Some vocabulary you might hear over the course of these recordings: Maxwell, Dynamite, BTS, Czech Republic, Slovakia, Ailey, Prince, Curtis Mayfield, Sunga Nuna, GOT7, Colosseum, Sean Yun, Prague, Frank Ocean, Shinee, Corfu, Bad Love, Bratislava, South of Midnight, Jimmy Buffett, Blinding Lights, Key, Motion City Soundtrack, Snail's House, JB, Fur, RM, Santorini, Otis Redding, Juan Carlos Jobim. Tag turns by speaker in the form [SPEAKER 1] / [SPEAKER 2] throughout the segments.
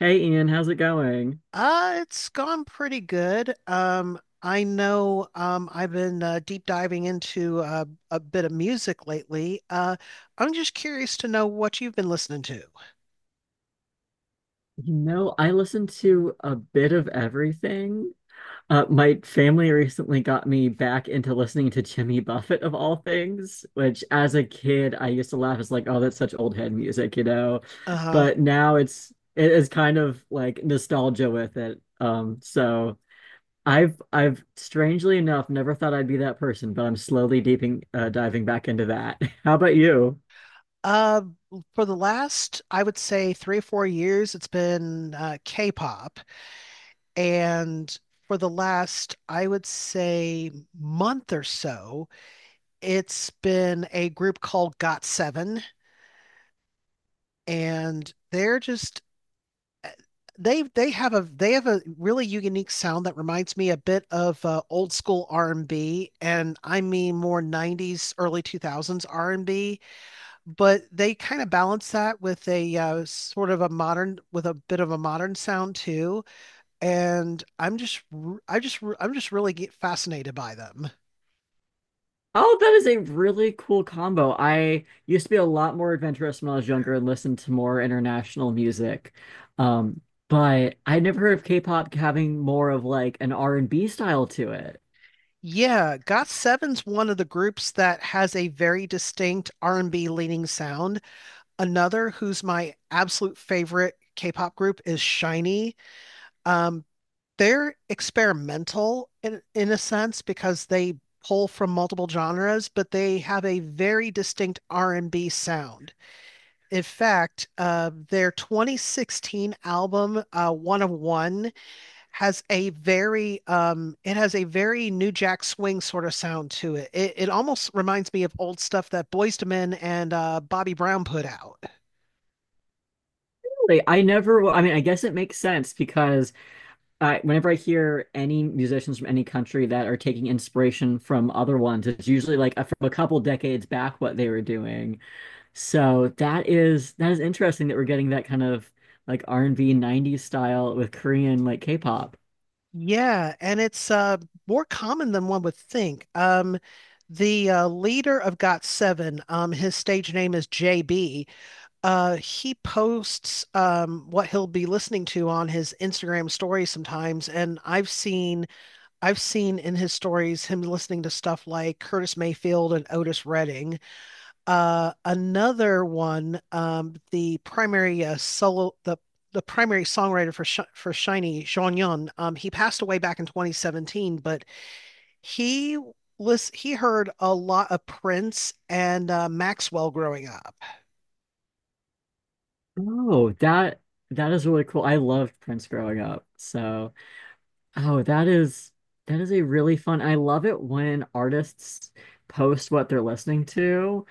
[SPEAKER 1] Hey Ian, how's it going?
[SPEAKER 2] It's gone pretty good. I know I've been deep diving into a bit of music lately. I'm just curious to know what you've been listening to.
[SPEAKER 1] You know, I listen to a bit of everything. My family recently got me back into listening to Jimmy Buffett of all things, which as a kid I used to laugh. It's like, oh, that's such old head music.
[SPEAKER 2] Uh-huh.
[SPEAKER 1] But now it is kind of like nostalgia with it. So I've strangely enough never thought I'd be that person, but I'm slowly deeping diving back into that. How about you?
[SPEAKER 2] Uh, for the last, I would say 3 or 4 years, it's been K-pop. And for the last, I would say month or so, it's been a group called GOT7, and they have a really unique sound that reminds me a bit of old school R&B and B, and I mean more 90s early 2000s R&B, but they kind of balance that with a sort of a modern with a bit of a modern sound too. And I am just really get fascinated by them.
[SPEAKER 1] Oh, that is a really cool combo. I used to be a lot more adventurous when I was younger and listened to more international music. Um, but I never heard of K-pop having more of like an R&B style to it.
[SPEAKER 2] Yeah, Got7's one of the groups that has a very distinct R&B leaning sound. Another who's my absolute favorite K-pop group is Shinee. Um, they're experimental in a sense because they pull from multiple genres, but they have a very distinct R&B sound. In fact, their 2016 album One of One has a very it has a very New Jack Swing sort of sound to it. It almost reminds me of old stuff that Boyz II Men and Bobby Brown put out.
[SPEAKER 1] Really, I never, I mean, I guess it makes sense because I, whenever I hear any musicians from any country that are taking inspiration from other ones, it's usually like a, from a couple decades back what they were doing. So that is interesting that we're getting that kind of like R&B 90s style with Korean like K-pop.
[SPEAKER 2] Yeah, and it's more common than one would think. The leader of GOT7, his stage name is JB. He posts what he'll be listening to on his Instagram stories sometimes, and I've seen in his stories him listening to stuff like Curtis Mayfield and Otis Redding. Another one, the primary solo, the primary songwriter for Sh for Shiny, Sean Yun, he passed away back in 2017, but he he heard a lot of Prince and Maxwell growing up.
[SPEAKER 1] Oh, that is really cool. I loved Prince growing up. So oh, that is a really fun. I love it when artists post what they're listening to.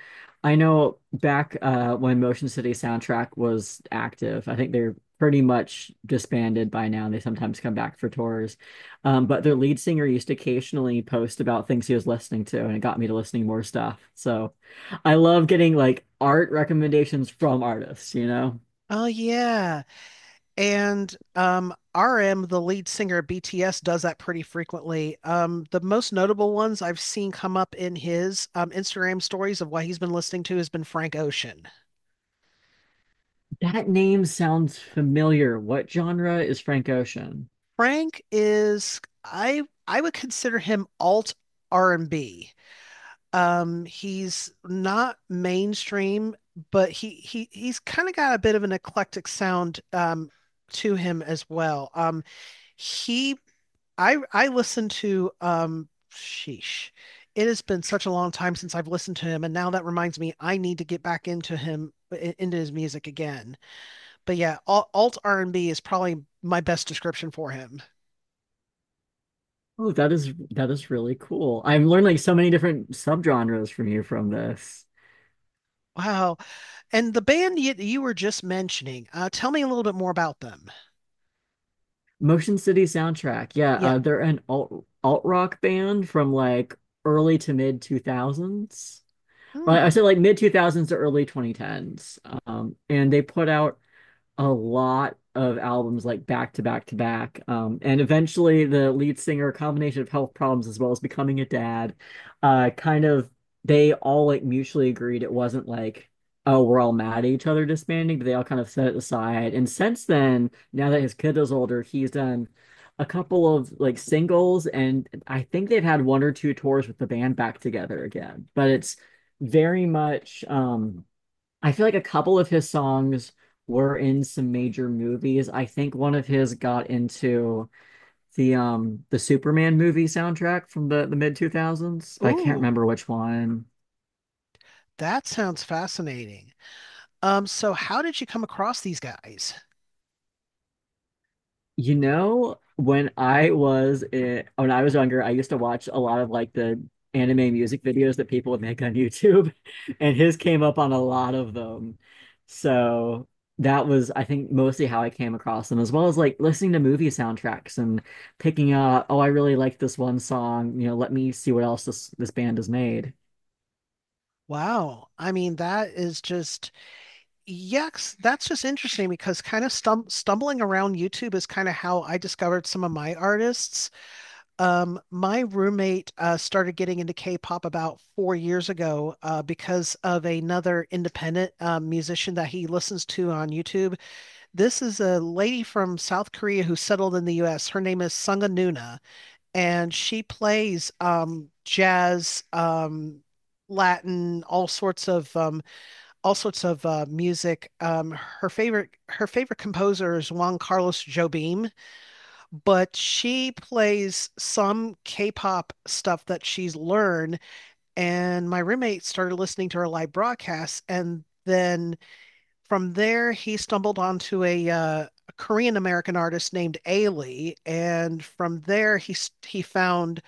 [SPEAKER 1] I know back when Motion City Soundtrack was active, I think they're pretty much disbanded by now. They sometimes come back for tours, but their lead singer used to occasionally post about things he was listening to, and it got me to listening more stuff. So I love getting like art recommendations from artists, you know?
[SPEAKER 2] Oh yeah. And RM, the lead singer of BTS, does that pretty frequently. The most notable ones I've seen come up in his Instagram stories of what he's been listening to has been Frank Ocean.
[SPEAKER 1] That name sounds familiar. What genre is Frank Ocean?
[SPEAKER 2] Frank is I would consider him alt R&B. He's not mainstream, but he's kind of got a bit of an eclectic sound to him as well. He I listened to sheesh. It has been such a long time since I've listened to him, and now that reminds me I need to get back into his music again. But yeah, alt R&B is probably my best description for him.
[SPEAKER 1] Oh, that is really cool. I'm learning like so many different subgenres from you from this.
[SPEAKER 2] Wow. And the band you were just mentioning, tell me a little bit more about them.
[SPEAKER 1] Motion City Soundtrack. Yeah,
[SPEAKER 2] Yeah.
[SPEAKER 1] uh, they're an alt rock band from like early to mid 2000s. Well, I
[SPEAKER 2] Hmm.
[SPEAKER 1] said like mid 2000s to early 2010s. And they put out a lot of albums like back to back to back. And eventually, the lead singer, a combination of health problems as well as becoming a dad, kind of they all like mutually agreed it wasn't like, oh, we're all mad at each other disbanding, but they all kind of set it aside. And since then, now that his kid is older, he's done a couple of like singles, and I think they've had one or two tours with the band back together again. But it's very much I feel like a couple of his songs were in some major movies. I think one of his got into the Superman movie soundtrack from the mid 2000s, but I can't
[SPEAKER 2] Ooh,
[SPEAKER 1] remember which one.
[SPEAKER 2] that sounds fascinating. So how did you come across these guys?
[SPEAKER 1] You know, when I was younger, I used to watch a lot of like the anime music videos that people would make on YouTube, and his came up on a lot of them. So that was, I think, mostly how I came across them, as well as like listening to movie soundtracks and picking out, oh, I really like this one song. You know, let me see what else this band has made.
[SPEAKER 2] Wow. I mean, that is just yes, that's just interesting because kind of stumbling around YouTube is kind of how I discovered some of my artists. My roommate started getting into K-pop about 4 years ago because of another independent musician that he listens to on YouTube. This is a lady from South Korea who settled in the U.S. Her name is Sunga Nuna, and she plays jazz, Latin, all sorts of music. Her favorite composer is Juan Carlos Jobim, but she plays some K-pop stuff that she's learned. And my roommate started listening to her live broadcasts, and then from there he stumbled onto a Korean American artist named Ailey, and from there he found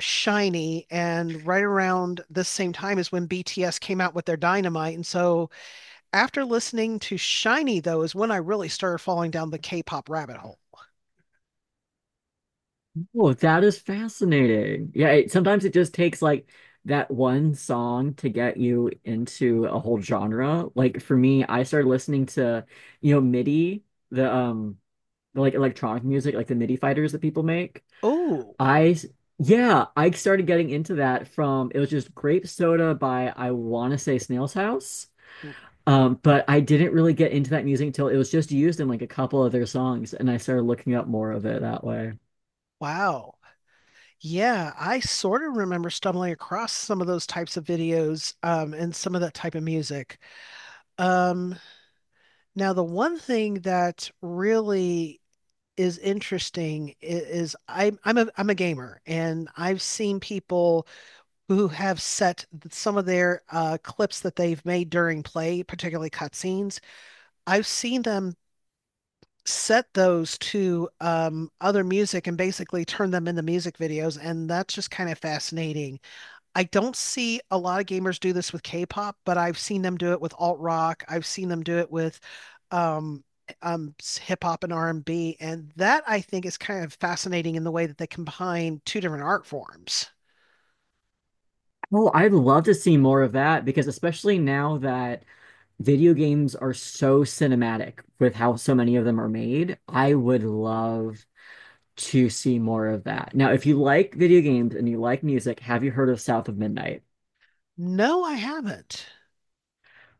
[SPEAKER 2] Shinee. And right around the same time is when BTS came out with their Dynamite, and so after listening to Shiny, though, is when I really started falling down the K pop rabbit hole.
[SPEAKER 1] Oh, that is fascinating. Yeah, it, sometimes it just takes like that one song to get you into a whole genre. Like for me, I started listening to, you know, MIDI, the um the like electronic music, like the MIDI fighters that people make.
[SPEAKER 2] Oh,
[SPEAKER 1] I s- yeah, I started getting into that from it was just Grape Soda by I want to say Snail's House. But I didn't really get into that music until it was just used in like a couple of their songs, and I started looking up more of it that way.
[SPEAKER 2] wow. Yeah, I sort of remember stumbling across some of those types of videos, and some of that type of music. Um, Now the one thing that really is I'm a gamer, and I've seen people who have set some of their clips that they've made during play, particularly cutscenes. I've seen them set those to other music and basically turn them into music videos, and that's just kind of fascinating. I don't see a lot of gamers do this with K-pop, but I've seen them do it with alt rock. I've seen them do it with um, eh, um, hip hop and R&B, and B. And that I think is kind of fascinating in the way that they combine two different art forms.
[SPEAKER 1] Oh, I'd love to see more of that because especially now that video games are so cinematic with how so many of them are made, I would love to see more of that. Now, if you like video games and you like music, have you heard of South of Midnight?
[SPEAKER 2] No, I haven't.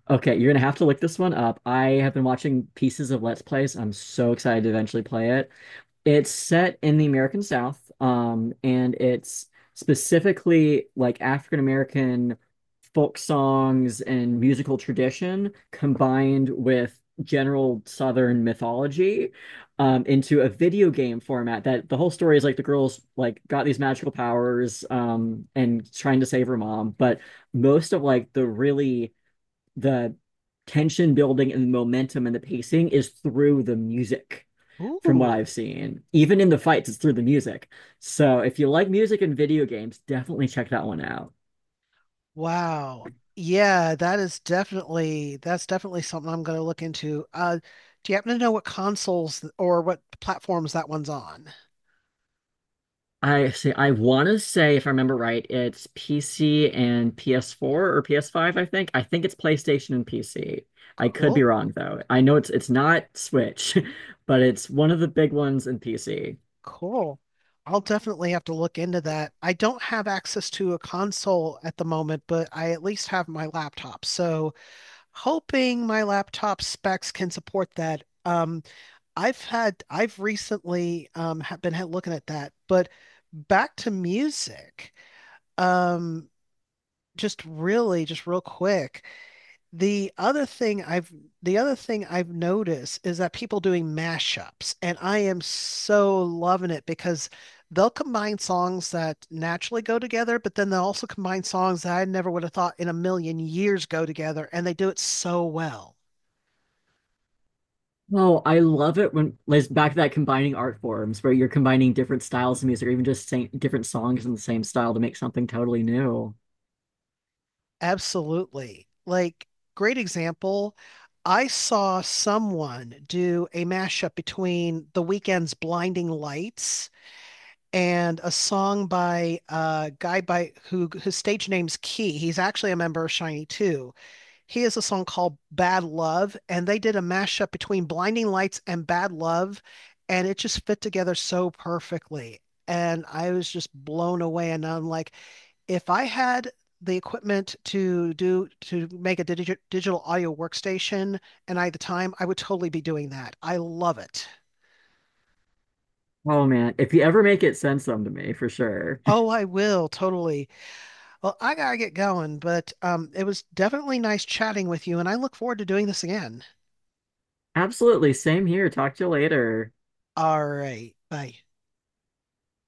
[SPEAKER 1] Okay, you're gonna have to look this one up. I have been watching pieces of Let's Plays. I'm so excited to eventually play it. It's set in the American South, and it's specifically like African American folk songs and musical tradition combined with general Southern mythology into a video game format. That the whole story is like the girls like got these magical powers and trying to save her mom, but most of like the tension building and the momentum and the pacing is through the music from what
[SPEAKER 2] Ooh,
[SPEAKER 1] I've seen. Even in the fights, it's through the music. So if you like music and video games, definitely check that one out.
[SPEAKER 2] wow. Yeah, that's definitely something I'm going to look into. Do you happen to know what consoles or what platforms that one's on?
[SPEAKER 1] I want to say if I remember right, it's PC and PS4 or PS5, I think. I think it's PlayStation and PC. I could be
[SPEAKER 2] Cool.
[SPEAKER 1] wrong though. I know it's not Switch, but it's one of the big ones in PC.
[SPEAKER 2] Cool. I'll definitely have to look into that. I don't have access to a console at the moment, but I at least have my laptop. So hoping my laptop specs can support that. I've recently have been looking at that. But back to music, um, just real quick. The other thing I've the other thing I've noticed is that people doing mashups, and I am so loving it because they'll combine songs that naturally go together, but then they'll also combine songs that I never would have thought in a million years go together, and they do it so well.
[SPEAKER 1] Oh, I love it when like back to that combining art forms where you're combining different styles of music or even just same, different songs in the same style to make something totally new.
[SPEAKER 2] Absolutely. Like, great example. I saw someone do a mashup between The Weeknd's Blinding Lights and a song by a guy, by who his stage name's Key. He's actually a member of Shiny too. He has a song called Bad Love, and they did a mashup between Blinding Lights and Bad Love, and it just fit together so perfectly. And I was just blown away. And I'm like, if I had the equipment to make a digital audio workstation and I had the time, I would totally be doing that. I love it.
[SPEAKER 1] Oh man, if you ever make it, send some to me for sure.
[SPEAKER 2] Oh, I will totally. Well, I gotta get going, but it was definitely nice chatting with you, and I look forward to doing this again.
[SPEAKER 1] Absolutely, same here. Talk to you later.
[SPEAKER 2] All right, bye.